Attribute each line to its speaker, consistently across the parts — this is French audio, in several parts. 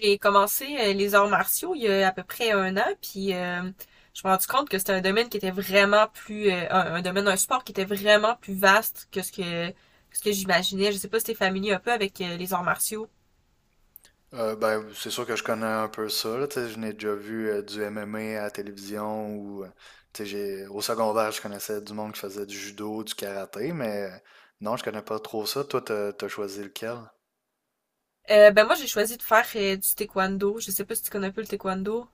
Speaker 1: J'ai commencé les arts martiaux il y a à peu près un an, puis je me suis rendu compte que c'était un domaine qui était vraiment plus un sport qui était vraiment plus vaste que ce que j'imaginais. Je sais pas si t'es familier un peu avec les arts martiaux.
Speaker 2: Ben, c'est sûr que je connais un peu ça, là, tu sais, je n'ai déjà vu du MMA à la télévision ou, tu sais, j'ai, au secondaire, je connaissais du monde qui faisait du judo, du karaté, mais non, je connais pas trop ça. Toi, t'as choisi lequel?
Speaker 1: Ben moi j'ai choisi de faire du taekwondo. Je sais pas si tu connais un peu le taekwondo.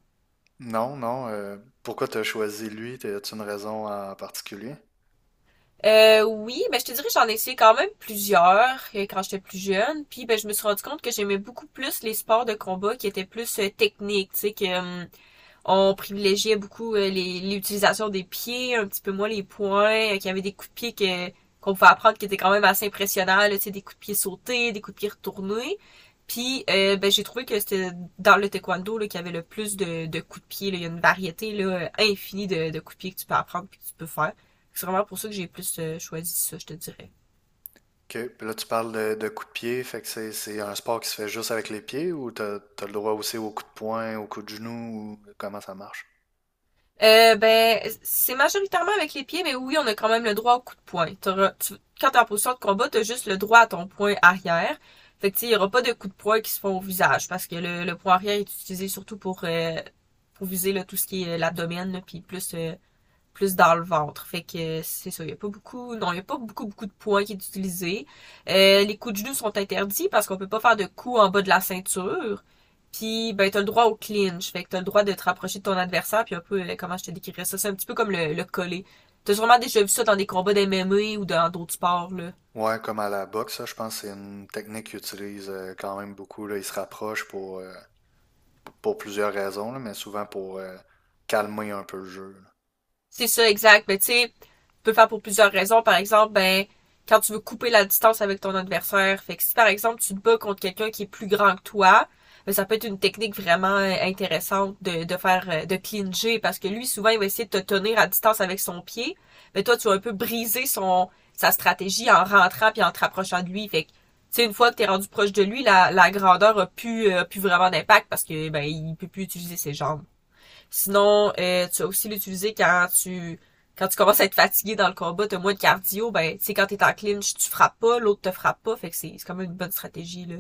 Speaker 2: Non, non, pourquoi t'as choisi lui? As-tu une raison en particulier?
Speaker 1: Oui, ben je te dirais que j'en ai essayé quand même plusieurs quand j'étais plus jeune. Puis ben je me suis rendu compte que j'aimais beaucoup plus les sports de combat qui étaient plus techniques, tu sais que on privilégiait beaucoup l'utilisation des pieds, un petit peu moins les poings, qu'il y avait des coups de pied qu'on pouvait apprendre qui étaient quand même assez impressionnants, là, tu sais, des coups de pied sautés, des coups de pied retournés. Puis ben, j'ai trouvé que c'était dans le taekwondo là, qu'il y avait le plus de coups de pied. Là. Il y a une variété là, infinie de coups de pied que tu peux apprendre et que tu peux faire. C'est vraiment pour ça que j'ai plus choisi ça, je te dirais.
Speaker 2: Ok, puis là, tu parles de coups de pied, fait que c'est un sport qui se fait juste avec les pieds ou t'as le droit aussi aux coups de poing, aux coups de genoux ou comment ça marche?
Speaker 1: Ben, c'est majoritairement avec les pieds, mais oui, on a quand même le droit au coup de poing. Quand t'es en position de combat, t'as juste le droit à ton poing arrière. Fait que, tu sais, il y aura pas de coups de poing qui se font au visage, parce que le poing arrière est utilisé surtout pour viser là, tout ce qui est l'abdomen, puis plus dans le ventre. Fait que c'est ça, il n'y a pas beaucoup, non, il n'y a pas beaucoup, beaucoup de points qui est utilisé. Les coups de genoux sont interdits parce qu'on peut pas faire de coups en bas de la ceinture. Puis, ben, t'as le droit au clinch. Fait que t'as le droit de te rapprocher de ton adversaire. Puis un peu, comment je te décrirais ça? C'est un petit peu comme le collet. T'as sûrement déjà vu ça dans des combats d'MMA ou dans d'autres sports, là.
Speaker 2: Ouais, comme à la boxe, ça, je pense que c'est une technique qu'ils utilisent quand même beaucoup. Là. Ils se rapprochent pour plusieurs raisons, là, mais souvent pour calmer un peu le jeu.
Speaker 1: C'est ça, exact. Mais tu sais, tu peux le faire pour plusieurs raisons. Par exemple, ben, quand tu veux couper la distance avec ton adversaire. Fait que si par exemple tu te bats contre quelqu'un qui est plus grand que toi, ben, ça peut être une technique vraiment intéressante de clinger parce que lui souvent il va essayer de te tenir à distance avec son pied, mais toi tu vas un peu briser son sa stratégie en rentrant puis en te rapprochant de lui. Fait que tu sais une fois que t'es rendu proche de lui, la grandeur a plus vraiment d'impact parce que ben il peut plus utiliser ses jambes. Sinon, tu as aussi l'utiliser quand tu commences à être fatigué dans le combat, t'as moins de cardio, ben tu sais quand t'es en clinch, tu frappes pas, l'autre te frappe pas, fait que c'est quand même une bonne stratégie là.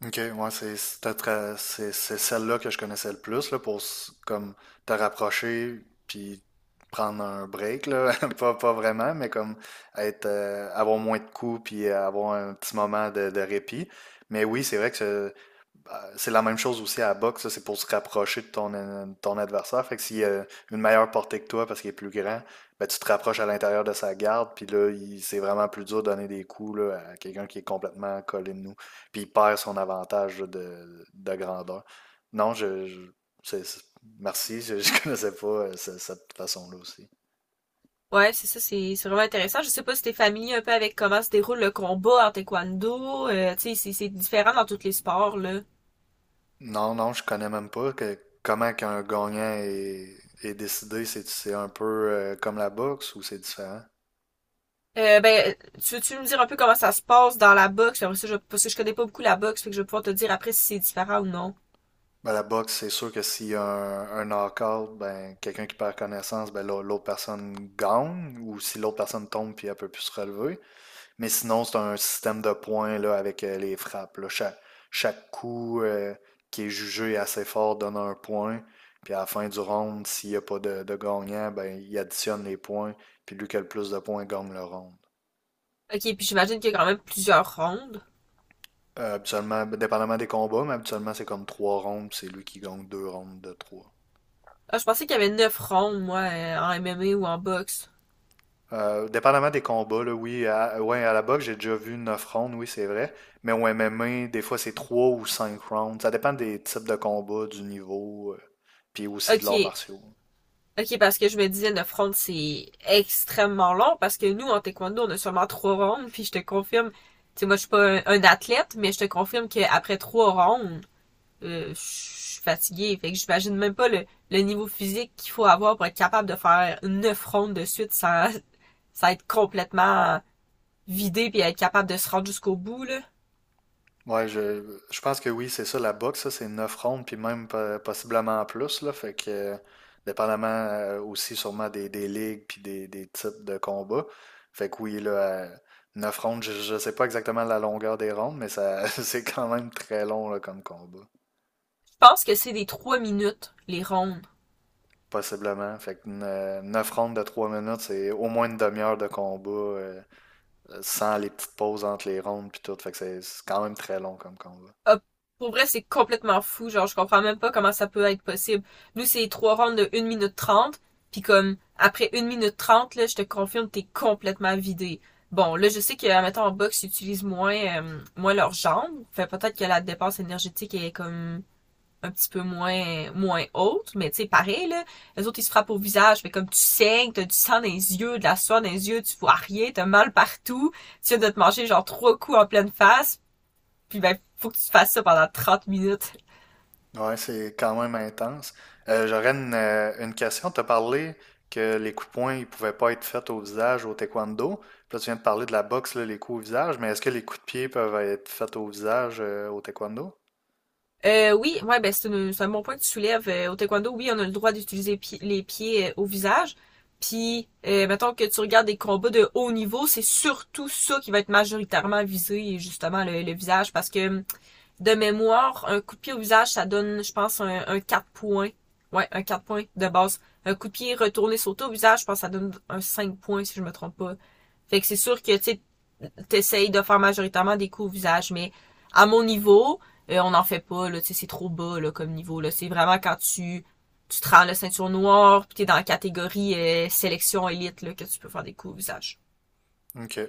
Speaker 2: Là. Ok, ouais, c'est c'était très- c'est celle-là que je connaissais le plus là, pour comme te rapprocher puis prendre un break, là. Pas vraiment, mais comme être avoir moins de coups puis avoir un petit moment de répit. Mais oui, c'est vrai que bah, c'est la même chose aussi à la boxe, là, c'est pour se rapprocher de ton adversaire. Fait que s'il a une meilleure portée que toi parce qu'il est plus grand, ben, tu te rapproches à l'intérieur de sa garde, puis là, c'est vraiment plus dur de donner des coups là, à quelqu'un qui est complètement collé de nous, puis il perd son avantage là, de grandeur. Non, c'est- c'est- merci, je connaissais pas cette façon-là aussi.
Speaker 1: Ouais, c'est ça, c'est vraiment intéressant. Je sais pas si t'es familier un peu avec comment se déroule le combat en taekwondo, tu sais c'est différent dans tous les sports là.
Speaker 2: Non, non, je connais même pas que, comment qu'un gagnant est décidé. C'est un peu comme la boxe ou c'est différent?
Speaker 1: Ben, tu veux-tu me dire un peu comment ça se passe dans la boxe? Après ça, parce que je connais pas beaucoup la boxe, fait que je vais pouvoir te dire après si c'est différent ou non.
Speaker 2: Ben, la boxe, c'est sûr que s'il y a un knock-out, ben, quelqu'un qui perd connaissance, ben, l'autre personne gagne, ou si l'autre personne tombe puis elle peut plus se relever. Mais sinon, c'est un système de points là, avec les frappes. Là. Chaque, coup qui est jugé assez fort donne un point. Puis à la fin du round, s'il n'y a pas de gagnant, ben, il additionne les points. Puis lui qui a le plus de points gagne le round.
Speaker 1: Ok, puis j'imagine qu'il y a quand même plusieurs rondes.
Speaker 2: Habituellement, ben, dépendamment des combats, mais habituellement, c'est comme trois rounds, puis c'est lui qui gagne deux rounds de trois.
Speaker 1: Ah, je pensais qu'il y avait 9 rondes, moi, en MMA ou en boxe.
Speaker 2: Dépendamment des combats, là, oui, à, ouais, à la boxe, j'ai déjà vu 9 rounds, oui, c'est vrai. Mais au MMA, des fois, c'est 3 ou 5 rounds. Ça dépend des types de combats, du niveau, puis aussi de l'art
Speaker 1: Ok.
Speaker 2: martiaux.
Speaker 1: Ok, parce que je me disais 9 rondes, c'est extrêmement long, parce que nous, en taekwondo, on a seulement 3 rondes, puis je te confirme, tu sais, moi, je suis pas un athlète, mais je te confirme qu'après 3 rondes, je suis fatiguée. Fait que j'imagine même pas le niveau physique qu'il faut avoir pour être capable de faire 9 rondes de suite sans être complètement vidé puis être capable de se rendre jusqu'au bout, là.
Speaker 2: Ouais, je pense que oui, c'est ça, la boxe, ça, c'est 9 rounds, puis même possiblement plus, là. Fait que, dépendamment aussi sûrement des ligues, puis des types de combats. Fait que oui, là, 9 rounds, je sais pas exactement la longueur des rounds, mais ça, c'est quand même très long, là, comme combat.
Speaker 1: Je pense que c'est des 3 minutes, les rondes.
Speaker 2: Possiblement. Fait que 9 rondes de 3 minutes, c'est au moins une demi-heure de combat sans les petites pauses entre les rondes puis tout. Fait que c'est quand même très long comme combat.
Speaker 1: a- pour vrai, c'est complètement fou. Genre, je comprends même pas comment ça peut être possible. Nous, c'est trois rounds de 1 minute 30. Puis comme, après 1 minute 30 là, je te confirme, t'es complètement vidé. Bon, là, je sais que, admettons, en boxe, ils utilisent moins leurs jambes. Fait peut-être que la dépense énergétique est comme un petit peu moins haute. Mais tu sais, pareil, là, les autres, ils se frappent au visage. Mais comme tu saignes, t'as du sang dans les yeux, de la soie dans les yeux, tu vois rien, t'as mal partout. Tu viens de te manger, genre, trois coups en pleine face. Puis ben, faut que tu fasses ça pendant 30 minutes.
Speaker 2: Ouais, c'est quand même intense. J'aurais une question. Tu as parlé que les coups de poing ils pouvaient pas être faits au visage au taekwondo. Puis là, tu viens de parler de la boxe, là, les coups au visage, mais est-ce que les coups de pied peuvent être faits au visage au taekwondo?
Speaker 1: Oui, ouais, ben, c'est un bon point que tu soulèves. Au taekwondo, oui, on a le droit d'utiliser les pieds au visage. Puis, mettons que tu regardes des combats de haut niveau, c'est surtout ça qui va être majoritairement visé, justement, le visage, parce que de mémoire, un coup de pied au visage, ça donne, je pense, un 4 points. Ouais, un 4 points de base. Un coup de pied retourné sauté au visage, je pense que ça donne un 5 points, si je me trompe pas. Fait que c'est sûr que, tu sais, t'essayes de faire majoritairement des coups au visage, mais à mon niveau, on n'en fait pas, là, tu sais, c'est trop bas, là, comme niveau, là. C'est vraiment quand tu te rends la ceinture noire, puis t'es dans la catégorie sélection élite, là, que tu peux faire des coups au visage.
Speaker 2: OK.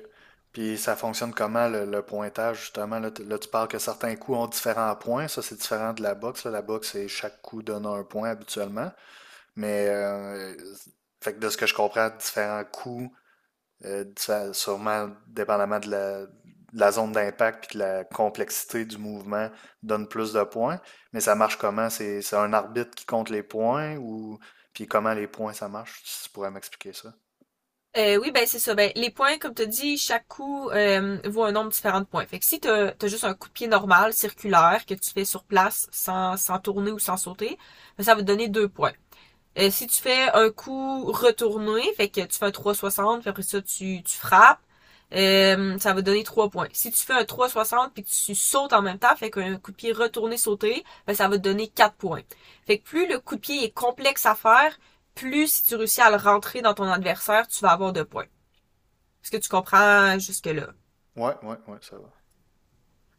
Speaker 2: Puis ça fonctionne comment le pointage, justement? Là, tu parles que certains coups ont différents points. Ça, c'est différent de la boxe. Là. La boxe, c'est chaque coup donne un point habituellement. Mais fait que de ce que je comprends, différents coups, sûrement dépendamment de la zone d'impact puis de la complexité du mouvement, donne plus de points. Mais ça marche comment? C'est un arbitre qui compte les points ou puis comment les points ça marche? Si tu pourrais m'expliquer ça.
Speaker 1: Oui, ben c'est ça. Ben, les points, comme tu as dit, chaque coup vaut un nombre différent de points. Fait que si tu as, juste un coup de pied normal, circulaire, que tu fais sur place sans tourner ou sans sauter, ben, ça va te donner deux points. Si tu fais un coup retourné, fait que tu fais un 360, puis après ça, tu frappes, ça va donner 3 points. Si tu fais un 360 puis que tu sautes en même temps, fait qu'un coup de pied retourné sauté, ben, ça va te donner 4 points. Fait que plus le coup de pied est complexe à faire, plus si tu réussis à le rentrer dans ton adversaire, tu vas avoir de points. Est-ce que tu comprends jusque-là?
Speaker 2: Ouais, ouais, ouais, ça va.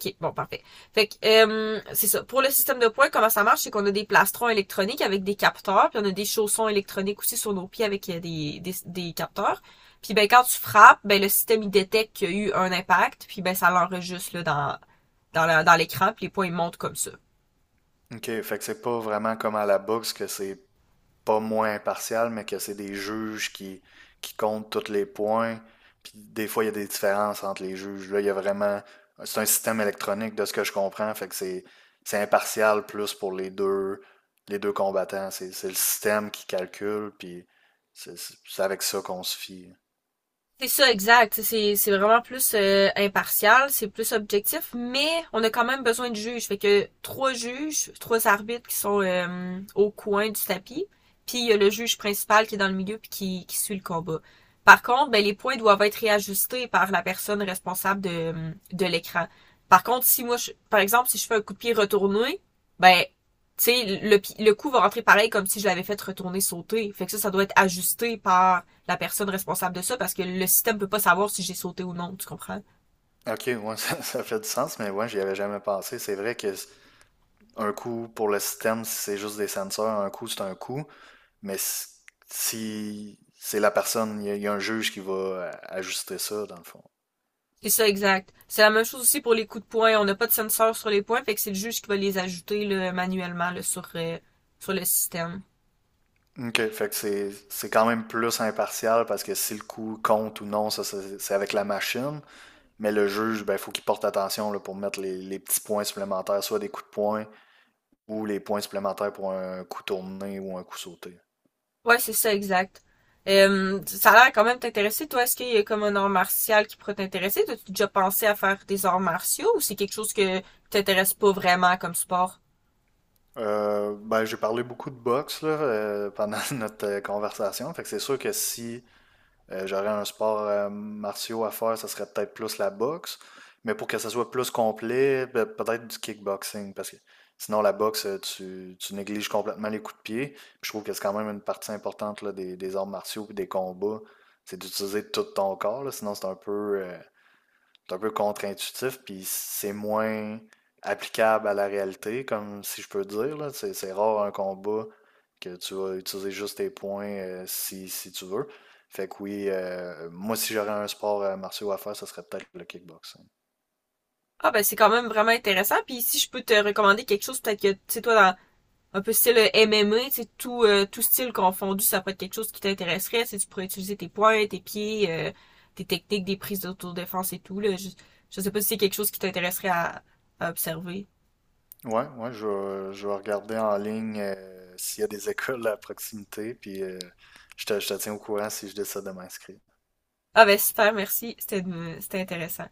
Speaker 1: OK, bon, parfait. Fait que, c'est ça. Pour le système de points, comment ça marche, c'est qu'on a des plastrons électroniques avec des capteurs, puis on a des chaussons électroniques aussi sur nos pieds avec des capteurs. Puis ben quand tu frappes, ben le système il détecte qu'il y a eu un impact, puis ben ça l'enregistre là, dans l'écran, puis les points ils montent comme ça.
Speaker 2: OK, fait que c'est pas vraiment comme à la boxe que c'est pas moins impartial, mais que c'est des juges qui comptent tous les points. Puis des fois, il y a des différences entre les juges. Là, il y a vraiment. C'est un système électronique de ce que je comprends. Fait que c'est impartial plus pour les deux combattants. C'est le système qui calcule, puis c'est avec ça qu'on se fie.
Speaker 1: C'est ça, exact. C'est vraiment plus impartial, c'est plus objectif, mais on a quand même besoin de juges. Fait que trois juges, trois arbitres qui sont au coin du tapis, puis il y a le juge principal qui est dans le milieu puis qui suit le combat. Par contre, ben, les points doivent être réajustés par la personne responsable de l'écran. Par contre, si moi, par exemple, si je fais un coup de pied retourné, ben, tu sais, le coup va rentrer pareil comme si je l'avais fait retourner sauter. Fait que ça doit être ajusté par la personne responsable de ça parce que le système peut pas savoir si j'ai sauté ou non, tu comprends?
Speaker 2: Ok, ouais, ça fait du sens, mais ouais, j'y avais jamais pensé. C'est vrai que un coup pour le système, c'est juste des senseurs, un coup c'est un coup. Mais si c'est la personne, y a un juge qui va ajuster ça, dans le fond.
Speaker 1: C'est ça, exact. C'est la même chose aussi pour les coups de poing. On n'a pas de sensor sur les points, fait que c'est le juge qui va les ajouter là, manuellement là, sur le système.
Speaker 2: OK, fait que c'est quand même plus impartial parce que si le coup compte ou non, ça c'est avec la machine. Mais le juge, ben, faut qu'il porte attention là, pour mettre les petits points supplémentaires, soit des coups de poing ou les points supplémentaires pour un coup tourné ou un coup sauté.
Speaker 1: Ouais, c'est ça, exact. Ça a l'air quand même t'intéresser. Toi, est-ce qu'il y a comme un art martial qui pourrait t'intéresser? T'as-tu déjà pensé à faire des arts martiaux ou c'est quelque chose que t'intéresse pas vraiment comme sport?
Speaker 2: Ben, j'ai parlé beaucoup de boxe là, pendant notre conversation. Fait que c'est sûr que si j'aurais un sport martiaux à faire, ça serait peut-être plus la boxe. Mais pour que ça soit plus complet, peut-être du kickboxing. Parce que sinon, la boxe, tu négliges complètement les coups de pied. Puis je trouve que c'est quand même une partie importante là, des arts martiaux et des combats. C'est d'utiliser tout ton corps, là, sinon, c'est un peu, c'est un peu contre-intuitif, puis c'est moins applicable à la réalité, comme si je peux dire, là. C'est rare un combat que tu vas utiliser juste tes points si tu veux. Fait que oui, moi, si j'aurais un sport martiaux à faire, ce serait peut-être le kickboxing.
Speaker 1: Ah ben c'est quand même vraiment intéressant. Puis si je peux te recommander quelque chose, peut-être que tu sais toi dans un peu style M MMA, tu sais, tout style confondu, ça pourrait être quelque chose qui t'intéresserait. Tu pourrais utiliser tes poings, tes pieds, tes techniques, des prises d'autodéfense et tout. Là. Je sais pas si c'est quelque chose qui t'intéresserait à observer.
Speaker 2: Ouais, ouais, je vais regarder en ligne s'il y a des écoles à proximité, puis je te tiens au courant si je décide de m'inscrire.
Speaker 1: Ah ben super, merci. C'était intéressant.